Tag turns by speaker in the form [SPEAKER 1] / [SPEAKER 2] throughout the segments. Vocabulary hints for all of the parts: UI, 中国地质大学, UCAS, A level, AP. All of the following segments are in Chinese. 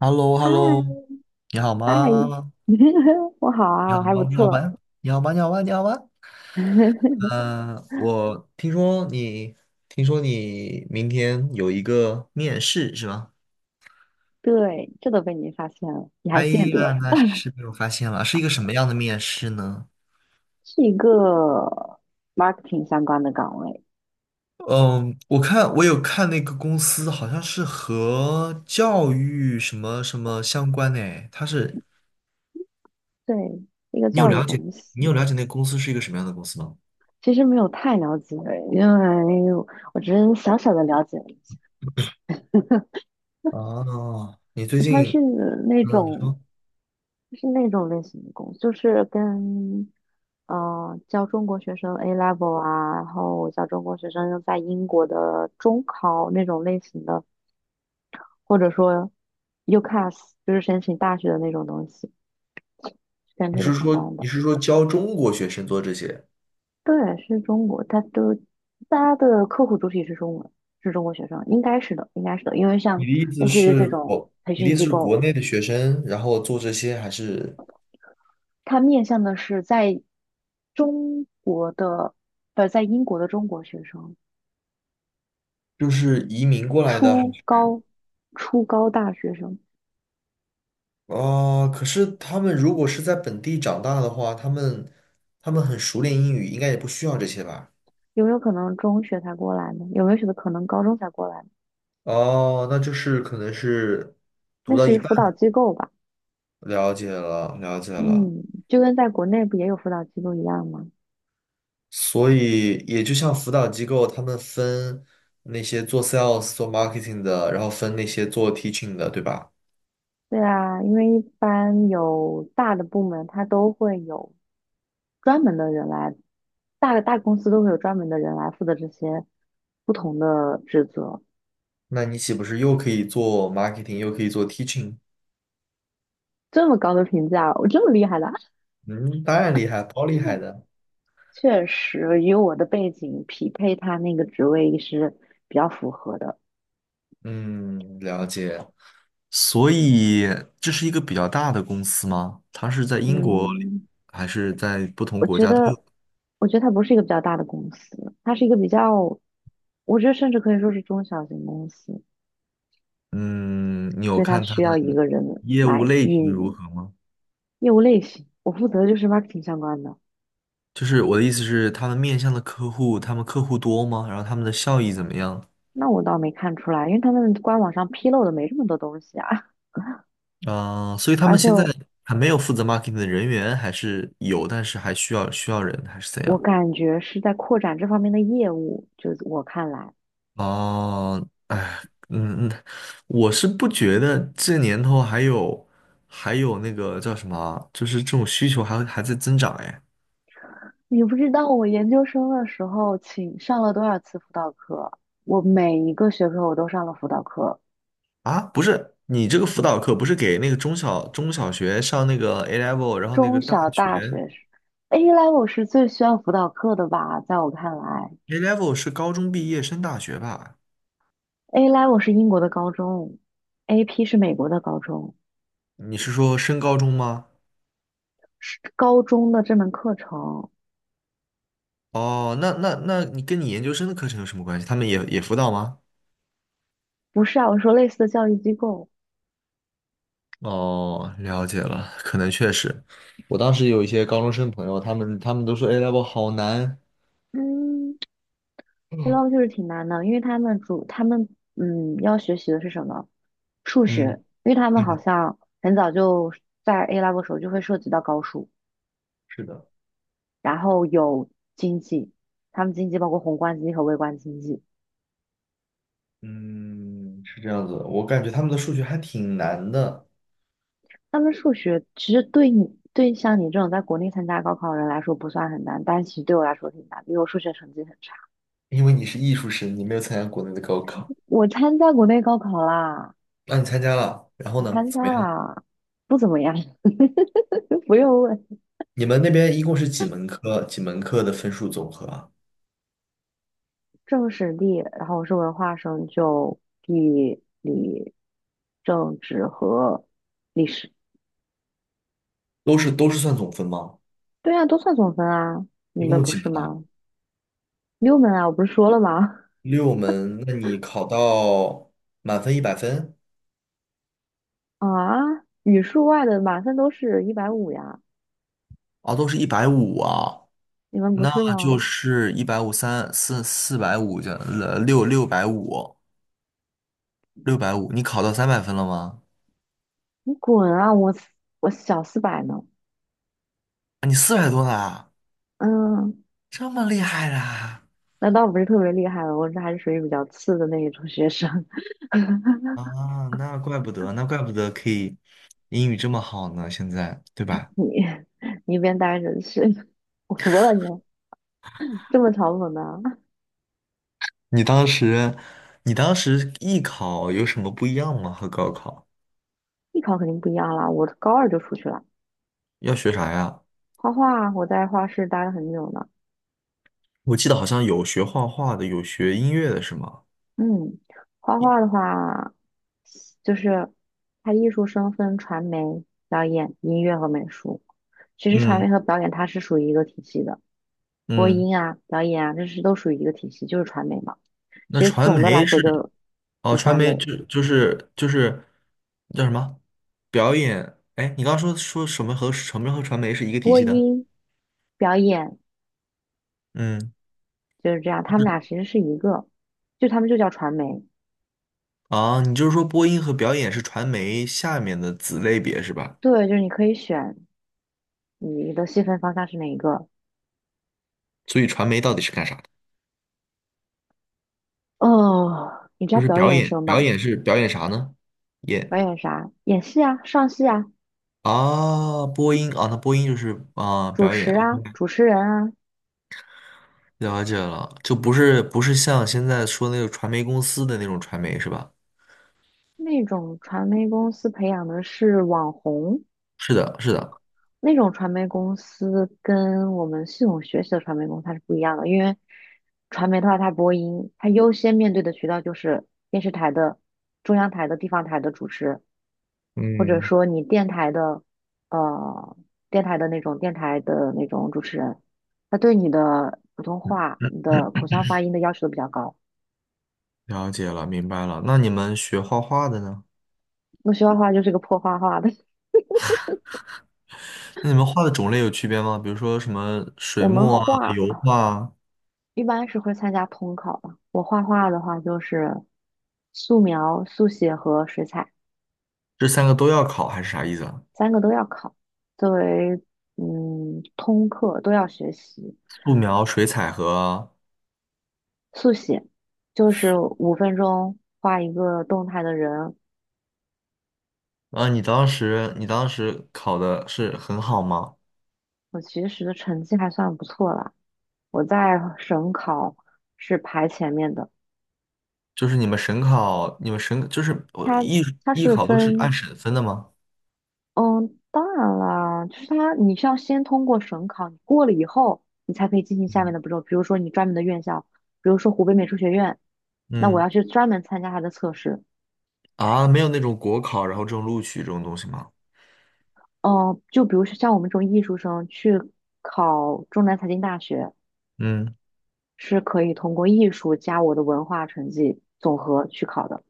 [SPEAKER 1] h e l l o h e
[SPEAKER 2] 嗨
[SPEAKER 1] l l o 你好
[SPEAKER 2] 嗨，
[SPEAKER 1] 吗？
[SPEAKER 2] 我好
[SPEAKER 1] 你
[SPEAKER 2] 啊，
[SPEAKER 1] 好
[SPEAKER 2] 我还不
[SPEAKER 1] 吗？你好
[SPEAKER 2] 错。
[SPEAKER 1] 吗？你好吗？你好吗？你好吗？嗯、我听说你，听说你明天有一个面试是吧？
[SPEAKER 2] 对，这都被你发现了，你还
[SPEAKER 1] 哎
[SPEAKER 2] 记
[SPEAKER 1] 呀，
[SPEAKER 2] 得，
[SPEAKER 1] 那是被我发现了，是一个什么样的面试呢？
[SPEAKER 2] 是一个 marketing 相关的岗位。
[SPEAKER 1] 嗯，我看我有看那个公司，好像是和教育什么什么相关的诶，它是
[SPEAKER 2] 对，一个
[SPEAKER 1] 你有
[SPEAKER 2] 教育
[SPEAKER 1] 了解，
[SPEAKER 2] 公司。
[SPEAKER 1] 那个公司是一个什么样的公司吗？
[SPEAKER 2] 其实没有太了解，因为我只是小小的了解了一下。
[SPEAKER 1] 哦，你最
[SPEAKER 2] 它
[SPEAKER 1] 近
[SPEAKER 2] 是那
[SPEAKER 1] 嗯，你
[SPEAKER 2] 种，
[SPEAKER 1] 说
[SPEAKER 2] 是那种类型的公司，就是跟教中国学生 A level 啊，然后教中国学生在英国的中考那种类型的。或者说 UCAS，就是申请大学的那种东西，是跟
[SPEAKER 1] 你
[SPEAKER 2] 这个
[SPEAKER 1] 是
[SPEAKER 2] 相
[SPEAKER 1] 说
[SPEAKER 2] 关的。
[SPEAKER 1] 你是说教中国学生做这些？
[SPEAKER 2] 对，是中国，大家的客户主体是中文，是中国学生，应该是的，应该是的，因为像类似于这种培
[SPEAKER 1] 你的
[SPEAKER 2] 训
[SPEAKER 1] 意思
[SPEAKER 2] 机
[SPEAKER 1] 是
[SPEAKER 2] 构，
[SPEAKER 1] 国内的学生，然后做这些，还是
[SPEAKER 2] 它面向的是在中国的，在英国的中国学生，
[SPEAKER 1] 就是移民过来的？还
[SPEAKER 2] 初
[SPEAKER 1] 是
[SPEAKER 2] 高初高大学生。
[SPEAKER 1] 啊、可是他们如果是在本地长大的话，他们很熟练英语，应该也不需要这些吧？
[SPEAKER 2] 有没有可能中学才过来呢？有没有可能高中才过来呢？
[SPEAKER 1] 哦，那就是可能是读
[SPEAKER 2] 类
[SPEAKER 1] 到
[SPEAKER 2] 似于
[SPEAKER 1] 一半
[SPEAKER 2] 辅导
[SPEAKER 1] 了，
[SPEAKER 2] 机构吧。
[SPEAKER 1] 了解了，了解了。
[SPEAKER 2] 嗯，就跟在国内不也有辅导机构一样吗？
[SPEAKER 1] 所以也就像辅导机构，他们分那些做 sales、做 marketing 的，然后分那些做 teaching 的，对吧？
[SPEAKER 2] 对啊，因为一般有大的部门，它都会有专门的人来，大公司都会有专门的人来负责这些不同的职责。
[SPEAKER 1] 那你岂不是又可以做 marketing，又可以做 teaching？
[SPEAKER 2] 这么高的评价，我这么厉害的啊，
[SPEAKER 1] 嗯，当然厉害，超厉害 的。
[SPEAKER 2] 确实与我的背景匹配，他那个职位是比较符合的。
[SPEAKER 1] 嗯，了解。所以这是一个比较大的公司吗？它是在英国
[SPEAKER 2] 嗯，
[SPEAKER 1] 还是在不同
[SPEAKER 2] 我
[SPEAKER 1] 国
[SPEAKER 2] 觉
[SPEAKER 1] 家都
[SPEAKER 2] 得，
[SPEAKER 1] 有？
[SPEAKER 2] 我觉得它不是一个比较大的公司，它是一个比较，我觉得甚至可以说是中小型公司。
[SPEAKER 1] 嗯，你有
[SPEAKER 2] 所以它
[SPEAKER 1] 看它
[SPEAKER 2] 需
[SPEAKER 1] 的
[SPEAKER 2] 要一个人
[SPEAKER 1] 业务
[SPEAKER 2] 来
[SPEAKER 1] 类
[SPEAKER 2] 运
[SPEAKER 1] 型如
[SPEAKER 2] 营
[SPEAKER 1] 何吗？
[SPEAKER 2] 业务类型。我负责的就是 marketing 相关的。
[SPEAKER 1] 就是我的意思是，他们面向的客户，他们客户多吗？然后他们的效益怎么样？
[SPEAKER 2] 那我倒没看出来，因为他们官网上披露的没这么多东西啊。
[SPEAKER 1] 啊、所以 他
[SPEAKER 2] 而
[SPEAKER 1] 们
[SPEAKER 2] 且
[SPEAKER 1] 现在
[SPEAKER 2] 我
[SPEAKER 1] 还没有负责 marketing 的人员，还是有，但是还需要人，还是怎
[SPEAKER 2] 我
[SPEAKER 1] 样？
[SPEAKER 2] 感觉是在扩展这方面的业务，就是我看来，
[SPEAKER 1] 哦，哎，嗯，嗯，我是不觉得这年头还有那个叫什么啊就是这种需求还在增长哎。
[SPEAKER 2] 你不知道我研究生的时候请上了多少次辅导课，我每一个学科我都上了辅导课，
[SPEAKER 1] 啊，不是，你这个辅导课不是给那个中小学上那个 A level，然后那个
[SPEAKER 2] 中
[SPEAKER 1] 大
[SPEAKER 2] 小大
[SPEAKER 1] 学
[SPEAKER 2] 学是 A level 是最需要辅导课的吧，在我看来
[SPEAKER 1] A level 是高中毕业升大学吧？
[SPEAKER 2] ，A level 是英国的高中，AP 是美国的高中。
[SPEAKER 1] 你是说升高中吗？
[SPEAKER 2] 是高中的这门课程。
[SPEAKER 1] 哦，那你跟你研究生的课程有什么关系？他们也辅导吗？
[SPEAKER 2] 不是啊，我说类似的教育机构。
[SPEAKER 1] 哦，了解了，可能确实，我当时有一些高中生朋友，他们都说 A level 好难。
[SPEAKER 2] 嗯 a l e v e l o 就是挺难的，因为他们要学习的是什么？数
[SPEAKER 1] 嗯
[SPEAKER 2] 学，因为他们好
[SPEAKER 1] 嗯，
[SPEAKER 2] 像很早就在 A level 时候就会涉及到高数，
[SPEAKER 1] 是的，
[SPEAKER 2] 然后有经济，他们经济包括宏观经济和微观经济。
[SPEAKER 1] 嗯，是这样子的，我感觉他们的数学还挺难的。
[SPEAKER 2] 他们数学其实对像你这种在国内参加高考的人来说不算很难，但其实对我来说挺难，因为我数学成绩很差。
[SPEAKER 1] 因为你是艺术生，你没有参加国内的高考，
[SPEAKER 2] 我参加国内高考啦。
[SPEAKER 1] 那、你参加了，然后
[SPEAKER 2] 我
[SPEAKER 1] 呢，
[SPEAKER 2] 参
[SPEAKER 1] 怎么
[SPEAKER 2] 加
[SPEAKER 1] 样？
[SPEAKER 2] 了，不怎么样，不用问。
[SPEAKER 1] 你们那边一共是几门课？几门课的分数总和啊？
[SPEAKER 2] 政史地，然后我是文化生，就地理、政治和历史。
[SPEAKER 1] 都是算总分吗？
[SPEAKER 2] 对啊，都算总分啊，你
[SPEAKER 1] 一
[SPEAKER 2] 们
[SPEAKER 1] 共
[SPEAKER 2] 不
[SPEAKER 1] 几
[SPEAKER 2] 是
[SPEAKER 1] 门啊？
[SPEAKER 2] 吗？六门啊，我不是说了吗？
[SPEAKER 1] 6门，那你考到满分100分？
[SPEAKER 2] 啊，语数外的满分都是150呀，
[SPEAKER 1] 啊，都是一百五啊。
[SPEAKER 2] 你们不
[SPEAKER 1] 那
[SPEAKER 2] 是
[SPEAKER 1] 就
[SPEAKER 2] 吗？
[SPEAKER 1] 是一百五三四450这六六百五六百五，你考到300分了吗？
[SPEAKER 2] 你滚啊！我小四百呢。
[SPEAKER 1] 啊，你400多啦，
[SPEAKER 2] 嗯，
[SPEAKER 1] 这么厉害啦！
[SPEAKER 2] 那倒不是特别厉害了，我这还是属于比较次的那一种学生。
[SPEAKER 1] 啊，那怪不得，那怪不得可以英语这么好呢，现在对
[SPEAKER 2] 你
[SPEAKER 1] 吧？
[SPEAKER 2] 你一边待着去，我服了你，这么嘲讽的。
[SPEAKER 1] 你当时你当时艺考有什么不一样吗？和高考
[SPEAKER 2] 艺考肯定不一样啦，我高二就出去了。
[SPEAKER 1] 要学啥呀？
[SPEAKER 2] 画画我在画室待了很久呢。
[SPEAKER 1] 我记得好像有学画画的，有学音乐的是吗？
[SPEAKER 2] 嗯，画画的话，就是它艺术生分传媒、表演、音乐和美术。其实传
[SPEAKER 1] 嗯
[SPEAKER 2] 媒和表演它是属于一个体系的，播
[SPEAKER 1] 嗯。
[SPEAKER 2] 音啊、表演啊，这是都属于一个体系，就是传媒嘛。
[SPEAKER 1] 那
[SPEAKER 2] 其实
[SPEAKER 1] 传
[SPEAKER 2] 总的来
[SPEAKER 1] 媒
[SPEAKER 2] 说
[SPEAKER 1] 是
[SPEAKER 2] 就
[SPEAKER 1] 哦，
[SPEAKER 2] 就
[SPEAKER 1] 传
[SPEAKER 2] 三
[SPEAKER 1] 媒
[SPEAKER 2] 类：
[SPEAKER 1] 就是叫什么表演？哎，你刚刚说什么和什么和传媒是一个体
[SPEAKER 2] 播
[SPEAKER 1] 系的？
[SPEAKER 2] 音、表演。
[SPEAKER 1] 嗯，
[SPEAKER 2] 就是这样，他们俩其实是一个，就他们就叫传媒。
[SPEAKER 1] 啊，你就是说播音和表演是传媒下面的子类别是吧？
[SPEAKER 2] 对，就是你可以选你的细分方向是哪一个。
[SPEAKER 1] 所以传媒到底是干啥的？
[SPEAKER 2] 哦，你知道
[SPEAKER 1] 就是
[SPEAKER 2] 表
[SPEAKER 1] 表
[SPEAKER 2] 演
[SPEAKER 1] 演，
[SPEAKER 2] 生
[SPEAKER 1] 表
[SPEAKER 2] 吧？
[SPEAKER 1] 演是表演啥呢？
[SPEAKER 2] 表
[SPEAKER 1] 演
[SPEAKER 2] 演啥？演戏啊，上戏啊，
[SPEAKER 1] 啊，播音啊，那播音就是啊
[SPEAKER 2] 主
[SPEAKER 1] 表
[SPEAKER 2] 持
[SPEAKER 1] 演，
[SPEAKER 2] 啊，主持人啊。
[SPEAKER 1] 了解了，就不是像现在说那个传媒公司的那种传媒是吧？
[SPEAKER 2] 那种传媒公司培养的是网红，
[SPEAKER 1] 是的，是的。
[SPEAKER 2] 那种传媒公司跟我们系统学习的传媒公司它是不一样的，因为传媒的话，它播音，它优先面对的渠道就是电视台的、中央台的、地方台的主持。或者
[SPEAKER 1] 嗯，
[SPEAKER 2] 说你电台的，呃，电台的那种主持人，他对你的普通话、你的口腔发音的要求都比较高。
[SPEAKER 1] 了解了，明白了。那你们学画画的呢？
[SPEAKER 2] 那学画画就是个破画画的，
[SPEAKER 1] 那你们画的种类有区别吗？比如说什么 水
[SPEAKER 2] 我们
[SPEAKER 1] 墨啊、
[SPEAKER 2] 画
[SPEAKER 1] 油画啊，
[SPEAKER 2] 一般是会参加统考的。我画画的话就是素描、速写和水彩，
[SPEAKER 1] 这三个都要考，还是啥意思啊？
[SPEAKER 2] 三个都要考，作为通课都要学习。
[SPEAKER 1] 素描、水彩和啊，
[SPEAKER 2] 速写就是5分钟画一个动态的人。
[SPEAKER 1] 啊你当时考的是很好吗？
[SPEAKER 2] 我其实的成绩还算不错啦，我在省考是排前面的。
[SPEAKER 1] 就是你们省考，你们省就是我
[SPEAKER 2] 它
[SPEAKER 1] 艺
[SPEAKER 2] 它
[SPEAKER 1] 艺
[SPEAKER 2] 是
[SPEAKER 1] 考都是按
[SPEAKER 2] 分，
[SPEAKER 1] 省分的吗？
[SPEAKER 2] 嗯，当然啦，就是它你是要先通过省考，你过了以后，你才可以进行下面
[SPEAKER 1] 嗯
[SPEAKER 2] 的步骤。比如说你专门的院校，比如说湖北美术学院，那我
[SPEAKER 1] 嗯
[SPEAKER 2] 要去专门参加它的测试。
[SPEAKER 1] 啊，没有那种国考，然后这种录取这种东西吗？
[SPEAKER 2] 嗯，就比如说像我们这种艺术生去考中南财经大学，
[SPEAKER 1] 嗯，
[SPEAKER 2] 是可以通过艺术加我的文化成绩总和去考的。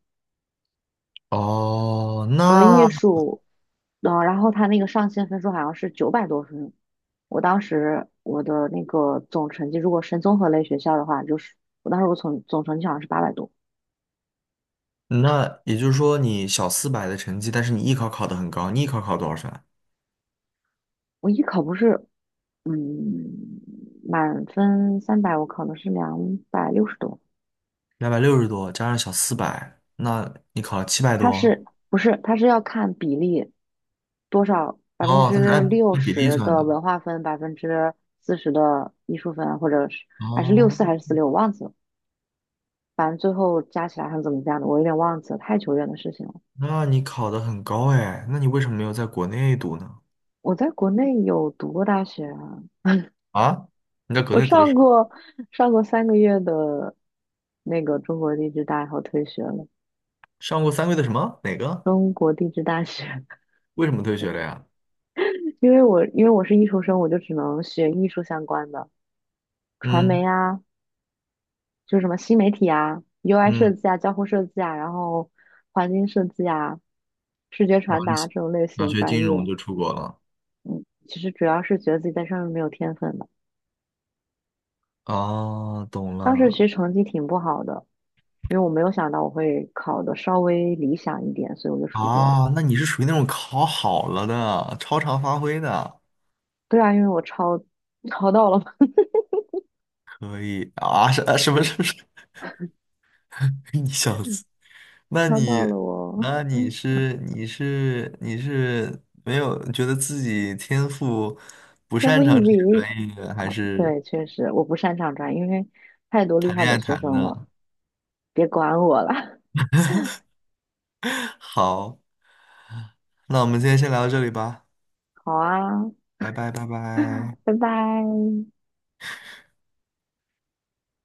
[SPEAKER 1] 哦，
[SPEAKER 2] 我的艺
[SPEAKER 1] 那
[SPEAKER 2] 术，然后他那个上线分数好像是900多分。我当时我的那个总成绩，如果申综合类学校的话，就是我当时我总成绩好像是800多。
[SPEAKER 1] 那也就是说，你小四百的成绩，但是你艺考考得很高，你艺考考多少分啊？
[SPEAKER 2] 我艺考不是，嗯，满分300，我考的是260多。
[SPEAKER 1] 260多，加上小四百，那你考了七百
[SPEAKER 2] 它
[SPEAKER 1] 多。
[SPEAKER 2] 是不是它是要看比例多少？百分
[SPEAKER 1] 哦，它是
[SPEAKER 2] 之
[SPEAKER 1] 按
[SPEAKER 2] 六
[SPEAKER 1] 按比例
[SPEAKER 2] 十
[SPEAKER 1] 算
[SPEAKER 2] 的
[SPEAKER 1] 的。
[SPEAKER 2] 文化分，40%的艺术分，或者是还是六四
[SPEAKER 1] 哦，
[SPEAKER 2] 还是四六，我忘记了。反正最后加起来还是怎么加的，我有点忘记了，太久远的事情了。
[SPEAKER 1] 那你考得很高哎，那你为什么没有在国内读呢？
[SPEAKER 2] 我在国内有读过大学啊，
[SPEAKER 1] 啊？你在国
[SPEAKER 2] 我
[SPEAKER 1] 内读的是
[SPEAKER 2] 上
[SPEAKER 1] 啥
[SPEAKER 2] 过上过3个月的那个中国地质大，然后退学了。
[SPEAKER 1] 上过3个月的什么？哪个？
[SPEAKER 2] 中国地质大学。
[SPEAKER 1] 为什么退学了呀？
[SPEAKER 2] 因为我是艺术生，我就只能学艺术相关的，传
[SPEAKER 1] 嗯
[SPEAKER 2] 媒啊，就是什么新媒体啊、UI 设
[SPEAKER 1] 嗯，
[SPEAKER 2] 计啊、交互设计啊，然后环境设计啊、视觉
[SPEAKER 1] 然后
[SPEAKER 2] 传
[SPEAKER 1] 你
[SPEAKER 2] 达
[SPEAKER 1] 想
[SPEAKER 2] 这种类
[SPEAKER 1] 想
[SPEAKER 2] 型
[SPEAKER 1] 学
[SPEAKER 2] 专
[SPEAKER 1] 金融
[SPEAKER 2] 业。
[SPEAKER 1] 就出国了。
[SPEAKER 2] 其实主要是觉得自己在上面没有天分的。
[SPEAKER 1] 哦，懂
[SPEAKER 2] 当时其
[SPEAKER 1] 了。
[SPEAKER 2] 实成绩挺不好的，因为我没有想到我会考的稍微理想一点，所以我就出国了。
[SPEAKER 1] 啊，那你是属于那种考好了的，超常发挥的。
[SPEAKER 2] 对啊，因为我抄到了，
[SPEAKER 1] 可以啊？是啊什么什么什么？你小子，那
[SPEAKER 2] 抄到
[SPEAKER 1] 你
[SPEAKER 2] 了我
[SPEAKER 1] 那你
[SPEAKER 2] 嗯
[SPEAKER 1] 是你是你是没有觉得自己天赋 不
[SPEAKER 2] 天赋
[SPEAKER 1] 擅
[SPEAKER 2] 异
[SPEAKER 1] 长这些
[SPEAKER 2] 禀。
[SPEAKER 1] 专业的，还
[SPEAKER 2] 哦，
[SPEAKER 1] 是
[SPEAKER 2] 对，确实我不擅长转，因为太多厉
[SPEAKER 1] 谈
[SPEAKER 2] 害
[SPEAKER 1] 恋
[SPEAKER 2] 的
[SPEAKER 1] 爱
[SPEAKER 2] 学
[SPEAKER 1] 谈
[SPEAKER 2] 生了，
[SPEAKER 1] 的？
[SPEAKER 2] 别管我了。
[SPEAKER 1] 好，那我们今天先聊到这里吧，
[SPEAKER 2] 好啊，
[SPEAKER 1] 拜拜拜拜。
[SPEAKER 2] 拜拜。